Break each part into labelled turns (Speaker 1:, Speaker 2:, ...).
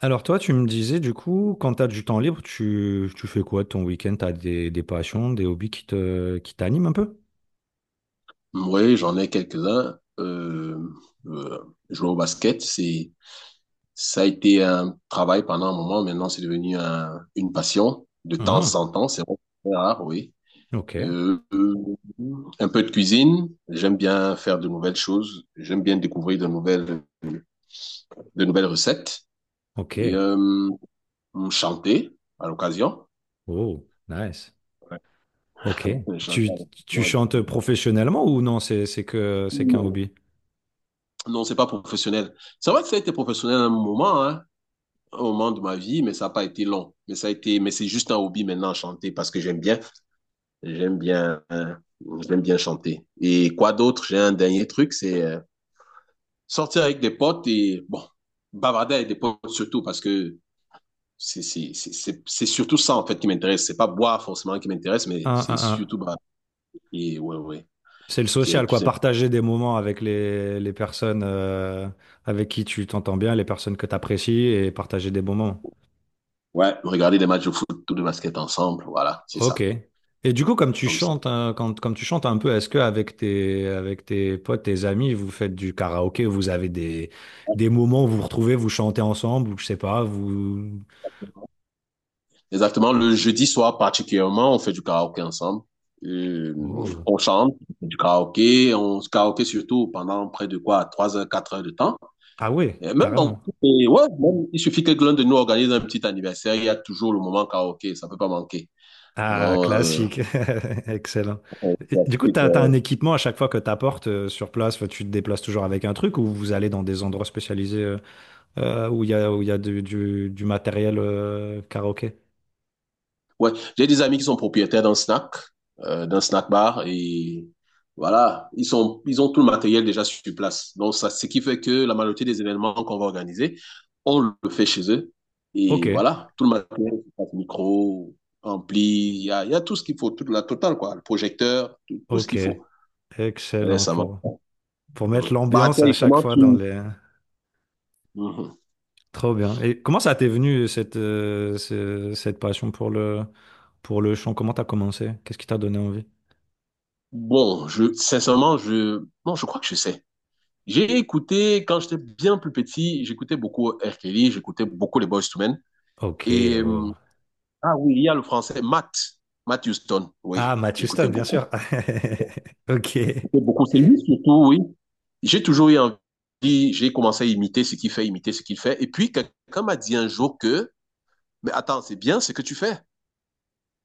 Speaker 1: Alors toi, tu me disais quand tu as du temps libre, tu fais quoi de ton week-end? Tu as des passions, des hobbies qui qui t'animent un peu?
Speaker 2: Oui, j'en ai quelques-uns. Euh, jouer au basket, ça a été un travail pendant un moment. Maintenant, c'est devenu une passion de temps
Speaker 1: Ah,
Speaker 2: en temps. C'est vraiment très rare, oui.
Speaker 1: ok,
Speaker 2: Euh, euh, un peu de cuisine. J'aime bien faire de nouvelles choses. J'aime bien découvrir de nouvelles recettes.
Speaker 1: ok.
Speaker 2: Et chanter à l'occasion.
Speaker 1: Oh, nice.
Speaker 2: Ouais.
Speaker 1: Ok.
Speaker 2: Chanter
Speaker 1: Tu,
Speaker 2: à
Speaker 1: tu
Speaker 2: l'occasion.
Speaker 1: chantes professionnellement ou non? C'est qu'un hobby.
Speaker 2: Non, c'est pas professionnel. C'est vrai que ça a été professionnel à un moment, hein, un moment de ma vie, mais ça n'a pas été long. Mais ça a été, mais c'est juste un hobby maintenant, chanter, parce que j'aime bien, hein, j'aime bien chanter. Et quoi d'autre? J'ai un dernier truc, c'est sortir avec des potes et, bon, bavarder avec des potes surtout, parce que c'est surtout ça, en fait, qui m'intéresse. C'est pas boire forcément qui m'intéresse, mais c'est
Speaker 1: Un,
Speaker 2: surtout
Speaker 1: un.
Speaker 2: bavarder. Et ouais, ouais,
Speaker 1: C'est le
Speaker 2: qui est le
Speaker 1: social,
Speaker 2: plus
Speaker 1: quoi.
Speaker 2: simple.
Speaker 1: Partager des moments avec les personnes avec qui tu t'entends bien, les personnes que tu apprécies et partager des moments.
Speaker 2: Ouais, regarder des matchs de foot ou de basket ensemble, voilà, c'est
Speaker 1: Ok.
Speaker 2: ça,
Speaker 1: Et du coup, comme tu
Speaker 2: comme ça.
Speaker 1: chantes, hein, quand, comme tu chantes un peu, est-ce que avec avec tes potes, tes amis, vous faites du karaoké, vous avez des moments où vous vous retrouvez, vous chantez ensemble, ou je sais pas, vous.
Speaker 2: Exactement, le jeudi soir particulièrement, on fait du karaoké ensemble. Euh,
Speaker 1: Oh.
Speaker 2: on chante, on fait du karaoké, on se karaoké surtout pendant près de quoi, 3 heures, 4 heures de temps.
Speaker 1: Ah ouais,
Speaker 2: Et même dans,
Speaker 1: carrément.
Speaker 2: et ouais, même, il suffit que l'un de nous organise un petit anniversaire, il y a toujours le moment karaoké, ça peut pas manquer.
Speaker 1: Ah,
Speaker 2: Non,
Speaker 1: classique. Excellent. Et du coup, t'as un
Speaker 2: on-
Speaker 1: équipement à chaque fois que t'apportes sur place. Enfin, tu te déplaces toujours avec un truc, ou vous allez dans des endroits spécialisés où il y a, où il y a du matériel karaoké?
Speaker 2: Ouais, j'ai des amis qui sont propriétaires d'un snack bar et voilà, ils sont, ils ont tout le matériel déjà sur place. Donc ça, ce qui fait que la majorité des événements qu'on va organiser, on le fait chez eux
Speaker 1: Ok,
Speaker 2: et voilà, tout le matériel, micro, ampli, il y a tout ce qu'il faut, toute la totale quoi, le projecteur, tout, tout ce
Speaker 1: ok.
Speaker 2: qu'il faut. Ouais,
Speaker 1: Excellent
Speaker 2: ça marche.
Speaker 1: pour. Pour
Speaker 2: Ouais.
Speaker 1: mettre
Speaker 2: Bah
Speaker 1: l'ambiance
Speaker 2: toi,
Speaker 1: à
Speaker 2: et
Speaker 1: chaque
Speaker 2: comment
Speaker 1: fois dans
Speaker 2: tu.
Speaker 1: les…
Speaker 2: Mhm.
Speaker 1: Trop bien. Et comment ça t'est venu cette passion pour pour le chant? Comment t'as commencé? Qu'est-ce qui t'a donné envie?
Speaker 2: Bon, je sincèrement, je non, je crois que je sais. J'ai écouté, quand j'étais bien plus petit, j'écoutais beaucoup R. Kelly, j'écoutais beaucoup les Boyz II Men.
Speaker 1: Ok,
Speaker 2: Et,
Speaker 1: oh.
Speaker 2: ah oui, il y a le français, Matt Houston,
Speaker 1: Ah,
Speaker 2: oui,
Speaker 1: Matt
Speaker 2: j'écoutais
Speaker 1: Houston, bien
Speaker 2: beaucoup.
Speaker 1: sûr. Ok.
Speaker 2: J'écoutais beaucoup, c'est lui surtout, oui. J'ai toujours eu envie, j'ai commencé à imiter ce qu'il fait, imiter ce qu'il fait. Et puis, quelqu'un m'a dit un jour que, mais attends, c'est bien ce que tu fais.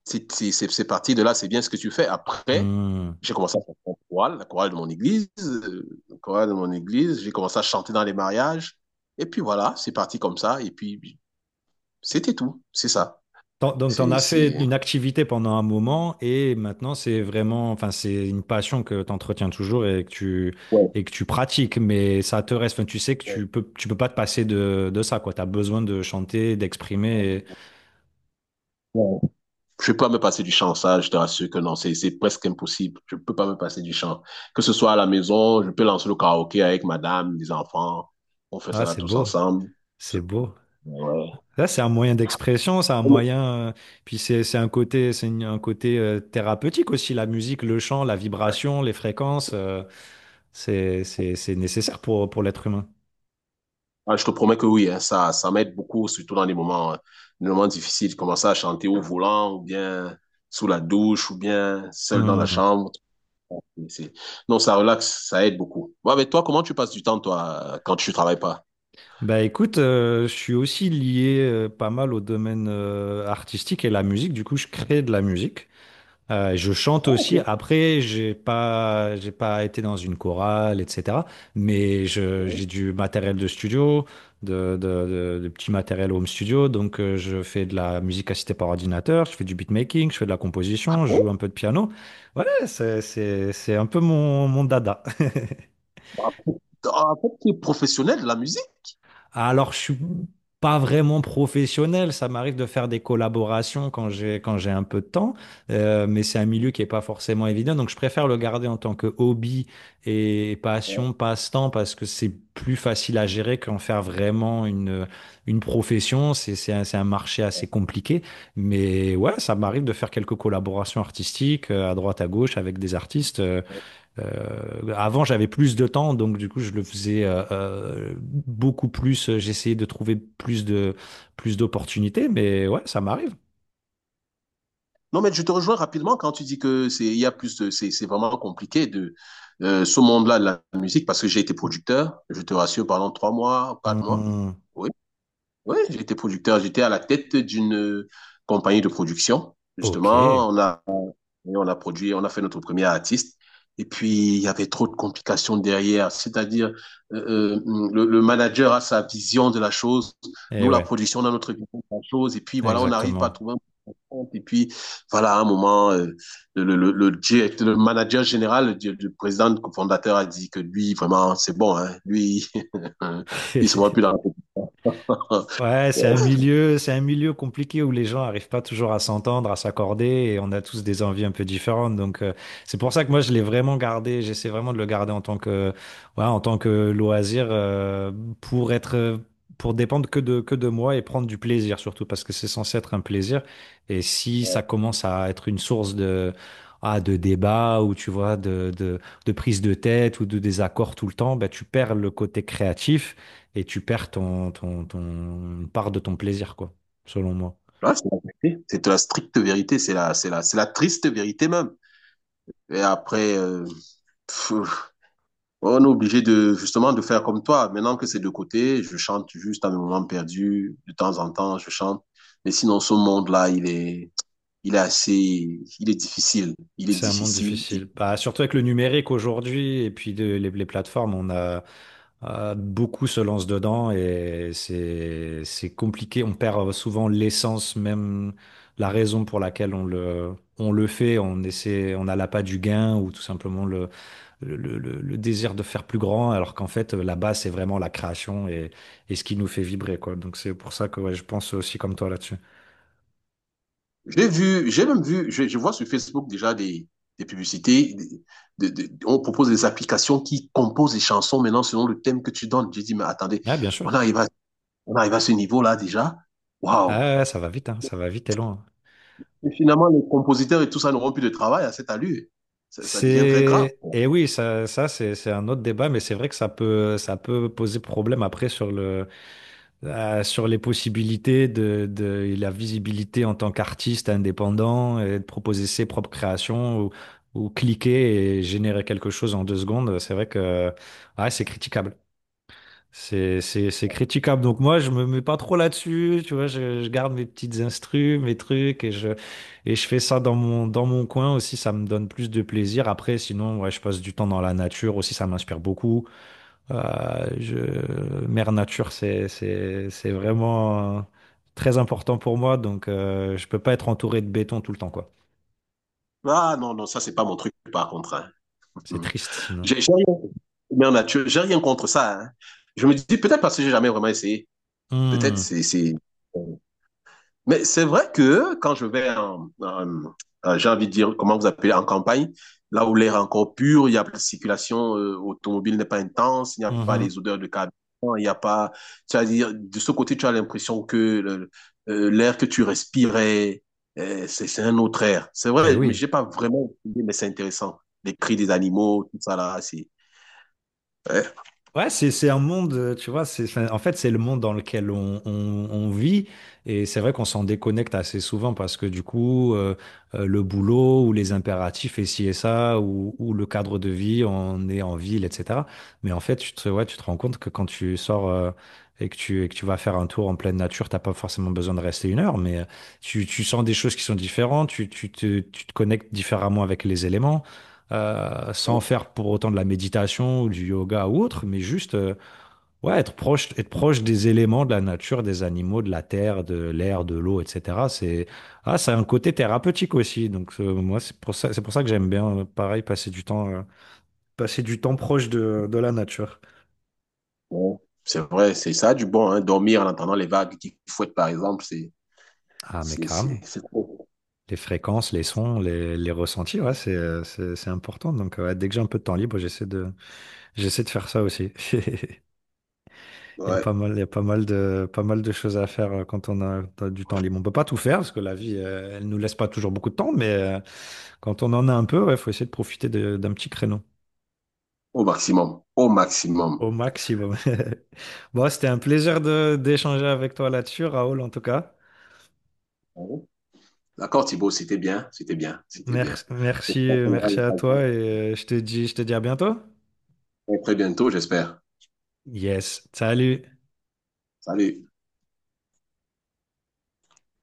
Speaker 2: C'est parti de là, c'est bien ce que tu fais. Après,
Speaker 1: Hmm.
Speaker 2: j'ai commencé à faire mon chorale, la chorale de mon église, la chorale de mon église. J'ai commencé à chanter dans les mariages. Et puis voilà, c'est parti comme ça. Et puis, c'était tout. C'est ça.
Speaker 1: Donc, t'en
Speaker 2: C'est,
Speaker 1: as fait
Speaker 2: c'est...
Speaker 1: une activité pendant un moment et maintenant, c'est vraiment, enfin, c'est une passion que t'entretiens toujours et que
Speaker 2: Ouais.
Speaker 1: et que tu pratiques, mais ça te reste, enfin, tu sais que
Speaker 2: Ouais.
Speaker 1: tu peux pas te passer de ça, quoi. T'as besoin de chanter, d'exprimer.
Speaker 2: Ouais. Je peux pas me passer du chant, ça, je te rassure que non, c'est presque impossible. Je peux pas me passer du chant. Que ce soit à la maison, je peux lancer le karaoké avec madame, les enfants. On fait ça
Speaker 1: Ah,
Speaker 2: là
Speaker 1: c'est
Speaker 2: tous
Speaker 1: beau.
Speaker 2: ensemble.
Speaker 1: C'est beau.
Speaker 2: Ouais.
Speaker 1: Là, c'est un moyen d'expression, c'est un moyen. Puis c'est un côté, un côté thérapeutique aussi. La musique, le chant, la vibration, les fréquences, c'est nécessaire pour l'être humain.
Speaker 2: Ah, je te promets que oui, hein, ça m'aide beaucoup, surtout dans des moments difficiles. Commencer à chanter au volant, ou bien sous la douche, ou bien seul dans la
Speaker 1: Hmm.
Speaker 2: chambre. C'est- non, ça relaxe, ça aide beaucoup. Ouais, mais toi, comment tu passes du temps, toi, quand tu travailles pas?
Speaker 1: Bah écoute, je suis aussi lié pas mal au domaine artistique et la musique. Du coup, je crée de la musique. Je chante
Speaker 2: Ah, ok.
Speaker 1: aussi. Après, j'ai pas été dans une chorale, etc.
Speaker 2: Ouais.
Speaker 1: J'ai du matériel de studio, de petits matériels home studio. Donc, je fais de la musique assistée par ordinateur, je fais du beatmaking, je fais de la
Speaker 2: Ah
Speaker 1: composition, je joue
Speaker 2: bon?
Speaker 1: un peu de piano. Voilà, c'est un peu mon dada.
Speaker 2: Ah, en fait, tu es professionnel de la musique?
Speaker 1: Alors, je suis pas vraiment professionnel. Ça m'arrive de faire des collaborations quand j'ai un peu de temps. Mais c'est un milieu qui est pas forcément évident. Donc, je préfère le garder en tant que hobby et
Speaker 2: Ouais.
Speaker 1: passion, passe-temps, parce que c'est plus facile à gérer qu'en faire vraiment une profession. C'est un marché assez compliqué, mais ouais, ça m'arrive de faire quelques collaborations artistiques à droite à gauche avec des artistes. Avant, j'avais plus de temps, donc du coup, je le faisais beaucoup plus. J'essayais de trouver plus d'opportunités, mais ouais, ça m'arrive.
Speaker 2: Non, mais je te rejoins rapidement quand tu dis que c'est, il y a plus de, c'est vraiment compliqué de, ce monde-là de la musique parce que j'ai été producteur, je te rassure, pendant 3 mois, 4 mois.
Speaker 1: Hmm.
Speaker 2: Oui, j'étais producteur. J'étais à la tête d'une compagnie de production.
Speaker 1: Ok.
Speaker 2: Justement,
Speaker 1: Et
Speaker 2: on a produit, on a fait notre premier artiste. Et puis, il y avait trop de complications derrière. C'est-à-dire, euh, euh, manager a sa vision de la chose. Nous, la
Speaker 1: ouais,
Speaker 2: production, on a notre vision de la chose. Et puis, voilà, on n'arrive pas à
Speaker 1: exactement.
Speaker 2: trouver un point de compte. Et puis, voilà, à un moment, direct, le, manager général, le président, le fondateur a dit que lui, vraiment, c'est bon. Hein, lui, il se voit plus dans la
Speaker 1: Ouais, c'est un milieu compliqué où les gens n'arrivent pas toujours à s'entendre, à s'accorder, et on a tous des envies un peu différentes. Donc c'est pour ça que moi je l'ai vraiment gardé, j'essaie vraiment de le garder ouais, en tant que loisir pour être, pour dépendre que de moi et prendre du plaisir surtout parce que c'est censé être un plaisir. Et si ça commence à être une source de ah, de débat ou tu vois de prise de tête ou de désaccord tout le temps, ben tu perds le côté créatif et tu perds ton une part de ton plaisir, quoi, selon moi.
Speaker 2: Là, c'est la vérité. C'est la stricte vérité. C'est la triste vérité même. Et après, pff, on est obligé de, justement, de faire comme toi. Maintenant que c'est de côté, je chante juste à mes moments perdus. De temps en temps, je chante. Mais sinon, ce monde-là, il est assez, il est difficile. Il est
Speaker 1: C'est un monde
Speaker 2: difficile. Et
Speaker 1: difficile. Bah, surtout avec le numérique aujourd'hui et puis les plateformes, on a beaucoup se lancent dedans et c'est compliqué. On perd souvent l'essence, même la raison pour laquelle on le fait. On essaie, on a l'appât du gain ou tout simplement le désir de faire plus grand, alors qu'en fait là-bas c'est vraiment la création et ce qui nous fait vibrer quoi. Donc c'est pour ça que ouais, je pense aussi comme toi là-dessus.
Speaker 2: j'ai vu, j'ai même vu, je vois sur Facebook déjà des publicités. On propose des applications qui composent des chansons maintenant selon le thème que tu donnes. J'ai dit, mais attendez,
Speaker 1: Ah, bien sûr.
Speaker 2: on arrive à on arrive à ce niveau-là déjà.
Speaker 1: Ah,
Speaker 2: Waouh!
Speaker 1: ouais, ouais, ça va vite, hein, ça va vite et loin.
Speaker 2: Et finalement, les compositeurs et tout ça n'auront plus de travail à cette allure. Ça devient très grave.
Speaker 1: C'est et Oui, ça c'est un autre débat, mais c'est vrai que ça peut poser problème après sur le sur les possibilités de et la visibilité en tant qu'artiste indépendant et de proposer ses propres créations ou cliquer et générer quelque chose en deux secondes. C'est vrai que ah, c'est critiquable. C'est critiquable. Donc moi, je me mets pas trop là-dessus. Tu vois, je garde mes petites instrus, mes trucs, et je fais ça dans mon coin aussi. Ça me donne plus de plaisir. Après, sinon, ouais, je passe du temps dans la nature aussi. Ça m'inspire beaucoup. Euh, je, Mère nature, c'est vraiment très important pour moi. Donc, je peux pas être entouré de béton tout le temps, quoi.
Speaker 2: Ah non, non, ça, c'est pas mon truc, par contre, hein.
Speaker 1: C'est triste sinon.
Speaker 2: J'ai rien, mais en nature, j'ai rien contre ça, hein. Je me dis, peut-être parce que j'ai jamais vraiment essayé. Peut-être
Speaker 1: Hum,
Speaker 2: mais c'est vrai que quand je vais j'ai envie de dire, comment vous appelez, en campagne, là où l'air est encore pur, il y a la circulation automobile n'est pas intense, il n'y a pas
Speaker 1: mhm.
Speaker 2: les odeurs de carburant, il n'y a pas, c'est à dire, de ce côté, tu as l'impression que l'air que tu respirais, c'est un autre air. C'est
Speaker 1: Eh
Speaker 2: vrai, mais
Speaker 1: oui.
Speaker 2: j'ai pas vraiment étudié, mais c'est intéressant. Les cris des animaux, tout ça là, c'est, ouais,
Speaker 1: Ouais, c'est un monde, tu vois, c'est, enfin, en fait, c'est le monde dans lequel on vit. Et c'est vrai qu'on s'en déconnecte assez souvent parce que du coup, le boulot ou les impératifs et ci et ça, ou le cadre de vie, on est en ville, etc. Mais en fait, ouais, tu te rends compte que quand tu sors et que et que tu vas faire un tour en pleine nature, t'as pas forcément besoin de rester une heure, mais tu sens des choses qui sont différentes, tu te connectes différemment avec les éléments sans
Speaker 2: bon,
Speaker 1: faire pour autant de la méditation ou du yoga ou autre, mais juste ouais, proche, être proche des éléments de la nature, des animaux, de la terre, de l'air, de l'eau, etc. Ça a un côté thérapeutique aussi. Donc moi, c'est pour ça que j'aime bien, pareil, passer du temps proche de la nature.
Speaker 2: bon, c'est vrai, c'est ça a du bon, hein, dormir en entendant les vagues qui fouettent, par exemple,
Speaker 1: Ah, mais carrément.
Speaker 2: c'est trop.
Speaker 1: Les fréquences, les sons, les ressentis, ouais, c'est important. Donc, ouais, dès que j'ai un peu de temps libre, j'essaie de faire ça aussi.
Speaker 2: Ouais,
Speaker 1: Il y a pas mal pas mal de choses à faire quand on a, t'as du temps libre. On peut pas tout faire parce que la vie, elle nous laisse pas toujours beaucoup de temps, mais quand on en a un peu, il faut essayer de profiter d'un petit créneau
Speaker 2: au maximum, au maximum.
Speaker 1: au maximum. Bon, c'était un plaisir de d'échanger avec toi là-dessus, Raoul, en tout cas.
Speaker 2: Oui. D'accord, Thibaut, c'était bien, c'était bien, c'était bien.
Speaker 1: Merci, merci,
Speaker 2: J'espère qu'on aura
Speaker 1: Merci à
Speaker 2: l'occasion
Speaker 1: toi et je te dis à bientôt.
Speaker 2: très très bientôt, j'espère.
Speaker 1: Yes, salut.
Speaker 2: Salut.